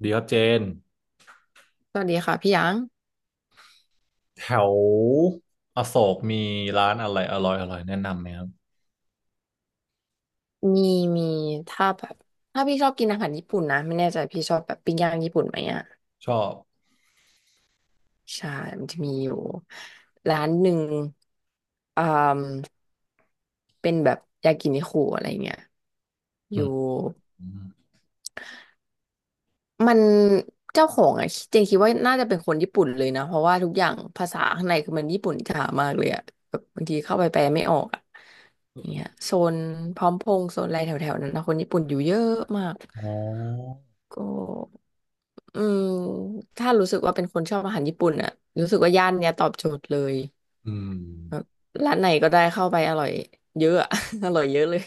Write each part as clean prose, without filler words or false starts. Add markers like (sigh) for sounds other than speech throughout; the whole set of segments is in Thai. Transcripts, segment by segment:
เดี๋ยวเจนสวัสดีค่ะพี่หยางแถวอโศกมีร้านอะไรอร่อยแนะนำไหมครับมีมีถ้าแบบถ้าพี่ชอบกินอาหารญี่ปุ่นนะไม่แน่ใจพี่ชอบแบบปิ้งย่างญี่ปุ่นไหมอ่ะชอบใช่มันจะมีอยู่ร้านหนึ่งอ่าเป็นแบบยากินิคุอะไรเงี้ยออืยู่มมันเจ้าของอ่ะเจนคิดว่าน่าจะเป็นคนญี่ปุ่นเลยนะเพราะว่าทุกอย่างภาษาข้างในคือมันญี่ปุ่นจ๋ามากเลยอ่ะแบบบางทีเข้าไปแปลไม่ออกอ่ะอย่างเงี้ยโซนพร้อมพงษ์โซนอะไรแถวๆนั้นนะคนญี่ปุ่นอยู่เยอะมาก อ๋อก็อืมถ้ารู้สึกว่าเป็นคนชอบอาหารญี่ปุ่นอะรู้สึกว่าย่านเนี้ยตอบโจทย์เลยอืมแบบร้านไหนก็ได้เข้าไปอร่อยเยอะอะ (laughs) อร่อยเยอะเลย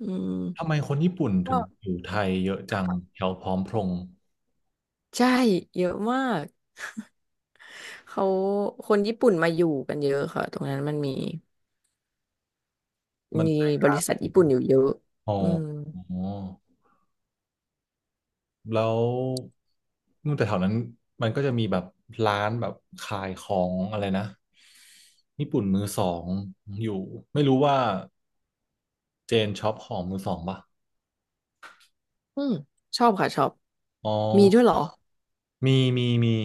อืมทำไมคนญี่ปุ่นถึก็งอยู่ไทยเยอะจังแถวพร้อมพงษ์ใช่เยอะมากเขาคนญี่ปุ่นมาอยู่กันเยอะค่ะตรงนั้นมันมีมันมีบริษัทญี่ปุ่นอยู่เยอะอ๋ออืมอ๋อแล้วนู่นแต่แถวนั้นมันก็จะมีแบบร้านแบบขายของอะไรนะญี่ปุ่นมือสองอยู่ไม่รู้ว่าเจนช็อปของมือสองป่ะอืมชอบค่ะชอบอ๋อมีด้วยเหรอมี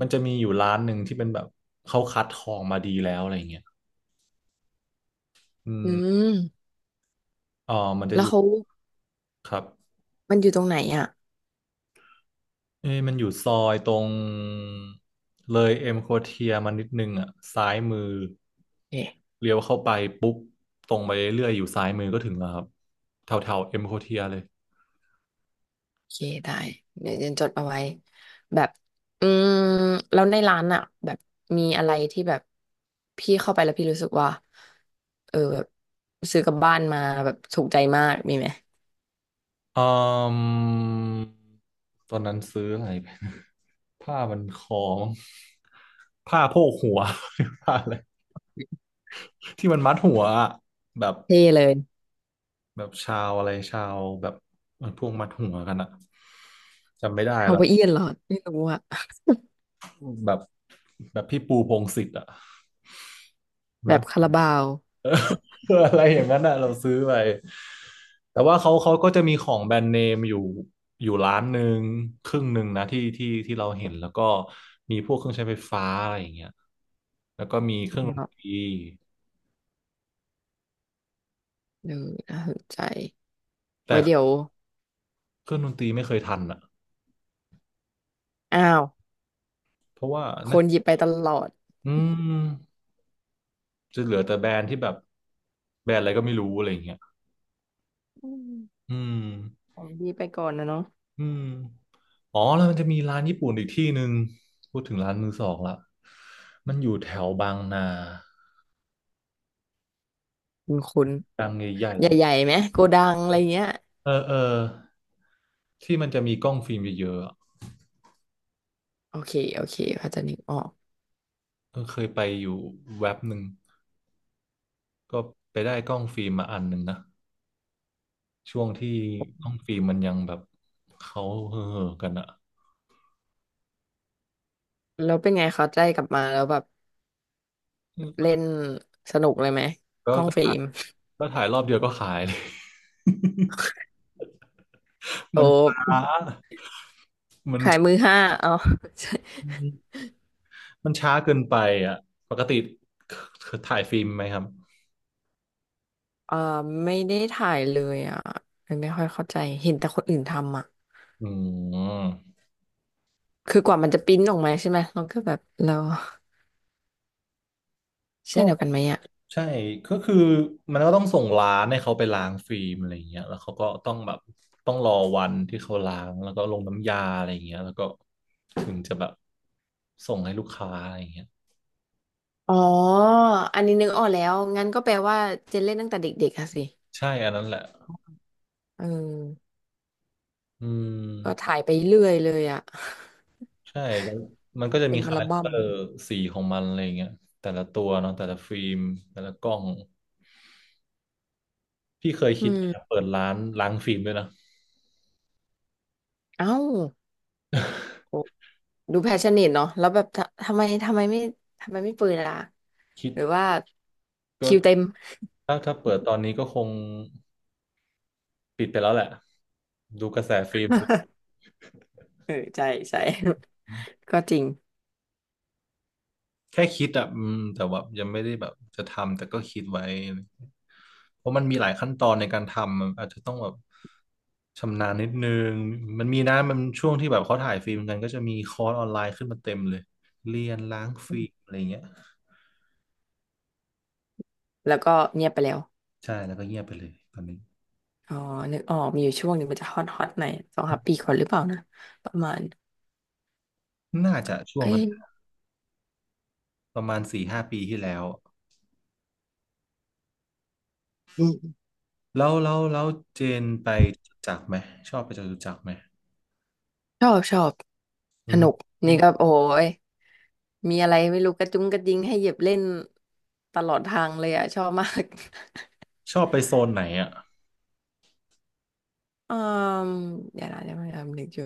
มันจะมีอยู่ร้านหนึ่งที่เป็นแบบเขาคัดทองมาดีแล้วอะไรเงี้ยอือืมมอ๋อมันจะแล้อวยู่เขาครับมันอยู่ตรงไหนอ่ะเอ้ยมันอยู่ซอยตรงเลยเอ็มโคเทียมานิดนึงอ่ะซ้ายมือเอ๊ะ เลี้ยวเข้าไปปุ๊บตรงไปเรื่อยๆอยู่ซ้ายมือก็ถึงแล้วครับแถวแถวเอ็มโคเทียเลยโอเคได้เดี๋ยวเจนจดเอาไว้แบบอืมแล้วในร้านอ่ะแบบมีอะไรที่แบบพี่เข้าไปแล้วพี่รู้สึกว่าเออแบบซื้อกลับบ้านมาแบบถูกใจมากมีไหมอืมตอนนั้นซื้ออะไรไป (laughs) ผ้ามันคล้องผ้าโพกหัว (laughs) ผ้าอะไรที่มันมัดหัวอะแบบ เท่เลยแบบชาวอะไรชาวแบบมันพวกมัดหัวกันอะจำไม่ได้ฮาแล้ววายเอียนเหรอไม่รู้อะแบบแบบพี่ปูพงษ์สิทธิ์อะแบมัด บคาราบาว (laughs) อะไรอย่างนั้นอะเราซื้อไปแต่ว่าเขาก็จะมีของแบรนด์เนมอยู่อยู่ร้านหนึ่งครึ่งหนึ่งนะที่เราเห็นแล้วก็มีพวกเครื่องใช้ไฟฟ้าอะไรอย่างเงี้ยแล้วก็มีเครื่องดนแบบตรีเออน่าสนใจแต่ไว้เดี๋ยวเครื่องดนตรีไม่เคยทันอะอ้าวเพราะว่าคน่านหยิบไปตลอดอืมจะเหลือแต่แบรนด์ที่แบบแบรนด์อะไรก็ไม่รู้อะไรอย่างเงี้ยอืมอืม ของดีไปก่อนนะเนาะอืมอ๋อแล้วมันจะมีร้านญี่ปุ่นอีกที่หนึ่งพูดถึงร้านมือสองละมันอยู่แถวบางนาคุณบางใหญ่ใหญ่ๆไหมโกดังอะไรเงี้ยๆเออที่มันจะมีกล้องฟิล์มเยอะๆอะโอเคเขาใจะนึกออก เออเคยไปอยู่แว็บหนึ่งก็ไปได้กล้องฟิล์มมาอันหนึ่งนะช่วงที่กล้องฟิล์มมันยังแบบเขาเห่อๆกันอะแล้วเป็นไงเขาได้กลับมาแล้วแบบอืมเล่นสนุกเลยไหมก็กล้องก็ฟิถ่าล์ยมก็ถ่ายรอบเดียวก็ขายเลย (laughs) โอมัน้ช้า ขายมือห้าเอา (laughs) ใช่มันช้าเกินไปอ่ะปกติถ่ายฟิล์มไหมครับเออไม่ได้ถ่ายเลยอ่ะเลยไม่ค่อยเข้าใจเห็นแต่คนอื่นทำอ่ะอืมคือกว่ามันจะปริ้นออกมาใช่ไหมเราก็แบบเราเช่ก็นเดียวกันไหมอ่ะใช่ก็คือมันก็ต้องส่งร้านให้เขาไปล้างฟิล์มอะไรอย่างเงี้ยแล้วเขาก็ต้องแบบต้องรอวันที่เขาล้างแล้วก็ลงน้ำยาอะไรอย่างเงี้ยแล้วก็ถึงจะแบบส่งให้ลูกค้าอะไรอย่างเงี้ยอ๋ออันนี้นึกออกแล้วงั้นก็แปลว่าเจนเล่นตั้งแต่เด็กๆอะสิใช่อันนั้นแหละเอออืมก็ถ่ายไปเรื่อยเลยอ่ะใช่แล้วมันก็จะเต็มีมอัคาลแรคบั้เตมอร์สีของมันอะไรอย่างเงี้ยแต่ละตัวเนาะแต่ละฟิล์มแต่ละกล้องพี่เคยอืคิดมจะเปิดร้านล้างฟิล์มด้วยนะ เอ้าโอ้ (laughs) ดูแพชชั่นเนตเนาะแล้วแบบทะทำไมไม่ทำไมไม่ปืนล่ะ คิดหรือว่าก็คิวเต็ม ถ้าเปิดตอนนี้ก็คงปิดไปแล้วแหละดูกระแสฟิล์ม (laughs) เออใช่ใช่ (laughs) ก็จริงแค่คิดอ่ะอืมแต่ว่ายังไม่ได้แบบจะทำแต่ก็คิดไว้เพราะมันมีหลายขั้นตอนในการทำมันอาจจะต้องแบบชำนาญนิดนึงมันมีนะมันช่วงที่แบบเขาถ่ายฟิล์มกันก็จะมีคอร์สออนไลน์ขึ้นมาเต็มเลยเรียนล้างฟิล์มอะไรเงี้ยแล้วก็เงียบไปแล้วใช่แล้วก็เงียบไปเลยตอนนี้อ๋อนึกออกมีอยู่ช่วงหนึ่งมันจะฮอตฮอตหน่อยสองสามปีก่อนหรือเปล่านะประมาณน่าจะช่วงเอ้นั้ยนประมาณสี่ห้าปีที่แล้ว อืมแล้วเจนไปจตุจักรไหมชอบไปจตุจักรไหมชอบชอบอืสมนุกอืนี่มก็โอ้ยมีอะไรไม่รู้กระจุงกระดิงให้เหยียบเล่นตลอดทางเลยอ่ะชอบมาก ชอบไปโซนไหนอ่ะ (laughs) อืมเดี๋ยวนะนึกอยู่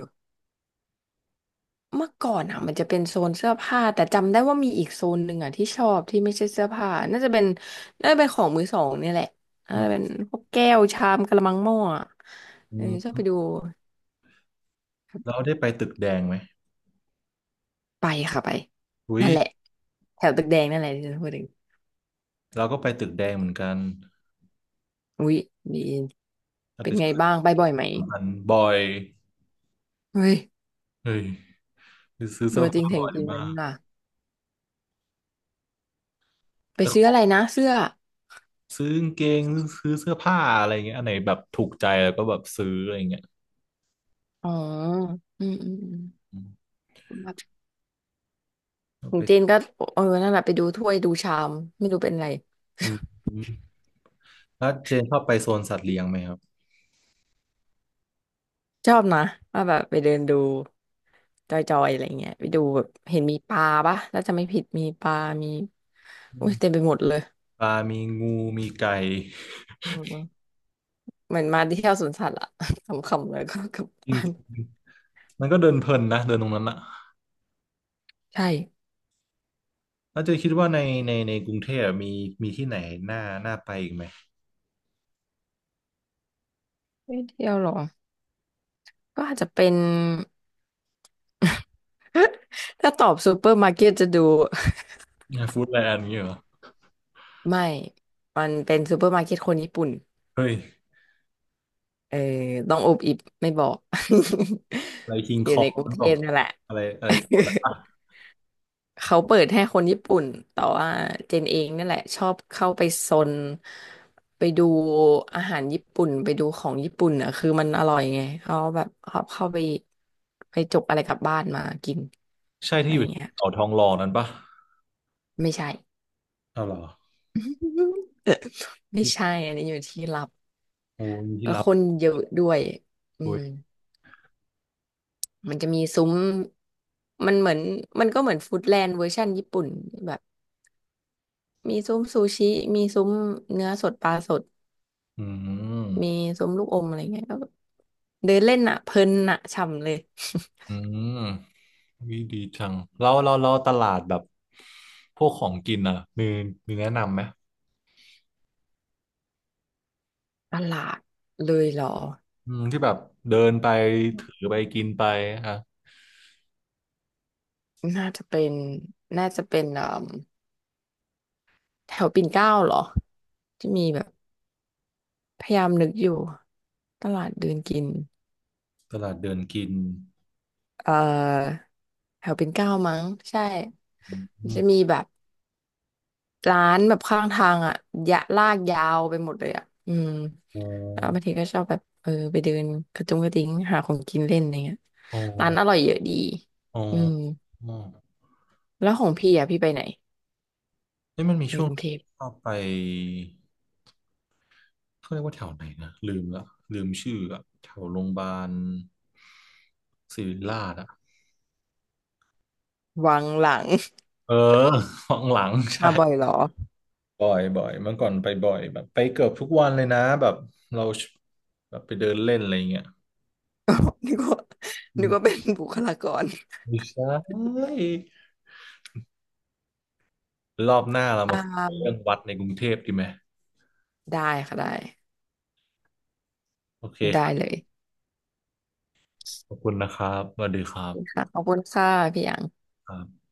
เมื่อก่อนอ่ะมันจะเป็นโซนเสื้อผ้าแต่จำได้ว่ามีอีกโซนหนึ่งอ่ะที่ชอบที่ไม่ใช่เสื้อผ้าน่าจะเป็นของมือสองเนี่ยแหละน่าอืมจะเป็นพวกแก้วชามกะละมังหม้ออะอืเออชอบไปมดูแล้วได้ไปตึกแดงไหมไปค่ะไปอุ้ยนั่นแหละแถวตึกแดงนั่นแหละที่ฉันพูดถึงเราก็ไปตึกแดงเหมือนกันอุ๊ยดีอาจเป็นจะไงบ้างไปบ่อยไหมสำคัญบ่อยเฮ้ยเฮ้ยคือซื้อตัเสื้อวจริงผ้าเสียบ่งอยจริงเลมายนี่กว่ะไปแต่ขซื้อออะงไรนะเสื้อซื้อกางเกงซื้อเสื้อผ้าอะไรเงี้ยอันไหนแบบถูกใจแล้วก็แบบซื้ออะไรเงี้ยอ๋ออืมอืมก็ขอไปงเจนก็เออนั่นแหละไปดูถ้วยดูชามไม่รู้เป็นอะไร อืมอืมแล้วเจนชอบไปโซนสัตว์เลี้ยงไหมครับชอบนะว่าแบบไปเดินดูจอยๆอะไรเงี้ยไปดูแบบเห็นมีปลาปะถ้าจะไม่ผิดมีปลา มีอือุ้ยมเต็มไปหมดเลยปลามีงูมีไก่อืมเหมือนมาที่เที่ยวสวนสัตว์อะ (laughs) ขำๆเลยก็กลับจริง บ้านมันก็เดินเพลินนะเดินตรงนั้นอะใช่แล้วเจะคิดว่าในในกรุงเทพมีมีที่ไหนน่าน่าไปอีกไหมไม่เที่ยวหรอก็อาจจะเป็น (laughs) ถ้าตอบซูเปอร์มาร์เก็ตจะดูฟู้ดแลนด์อย่างเงี้ยเหรอไม่ มันเป็นซูเปอร์มาร์เก็ตคนญี่ปุ่นเฮ้ยเออต้องอุบอิบไม่บอก อะไรคิง (laughs) อคยู่อในงกรุงนั่นเทหรอพนั่นแหละ อะไรอะไรแถวนั้นปะ (laughs) เขาเปิดให้คนญี่ปุ่น แต่ว่าเจนเองนั่นแหละชอบเข้าไปซนไปดูอาหารญี่ปุ่นไปดูของญี่ปุ่นอ่ะคือมันอร่อยไงเขาแบบเขาเข้าไปไปจกอะไรกลับบ้านมากินใช่อะที่ไรอยู่เงี้ยเขาทองหล่อนั้นปะไม่ใช่ อ้าวเหรอ (laughs) ไม่ใช่อันนี้อยู่ที่ลับโอ้มีที่แล้วรับคนเยอะด้วยอือุ้มยมันจะมีซุ้มมันเหมือนมันก็เหมือนฟู้ดแลนด์เวอร์ชันญี่ปุ่นแบบมีซุ้มซูชิมีซุ้มเนื้อสดปลาสด อืมีมส้มลูกอมอะไรเงี้ยก็เดินเล่นอ่ะเพลินอ่ะฉ่ำเลย อืมวิดีจังเราตลาดแบบพวกของกินอ่ะมีมีแนะนำไหม (laughs) ตลาดเลยเหรออืมที่แบบเดินไปถือไปกินไปอ่ะน่าจะเป็นน่าจะเป็นเอ่มแถวปิ่นเกล้าเหรอที่มีแบบพยายามนึกอยู่ตลาดเดินกินตลาดเดินกินเอ่อแถวปิ่นเกล้ามั้งใช่อืจะมมีแบบร้านแบบข้างทางอ่ะยะลากยาวไปหมดเลยอ่ะอืมโอ้ แล้วบางทีก็ชอบแบบเออไปเดินกระจุงกระดิ้งหาของกินเล่นอะไรเงี้ยโอ้อร้านอร่อยเยอะดีอ้ออืมอแล้วของพี่อ่ะพี่ไปไหน เอ้ยมันมีในช่วกงรุงเทพชอบไปเขาเรียกว่าแถวไหนนะลืมละลืมชื่ออะแถวโรงพยาบาลศิริราชอะวังหลัง เออ (laughs) ของหลัง (laughs) ใช่มาบ่อยเหรอ บ่อยเมื่อก่อนไปบ่อยแบบไปเกือบทุกวันเลยนะแบบเราแบบไปเดินเล่นอะไรเงี้ย (laughs) นึกว่าอืนึกมว่าเป็นบุคลากรไม่ใช่รอบหน้าเราอ่มาคุยเรื่องาวัดในกรุงเทพดีไหมได้ค่ะได้โอเคคได้รับเลยขอบคุณนะครับสวัสดีครับค่ะขอบคุณค่ะพี่หยางครับ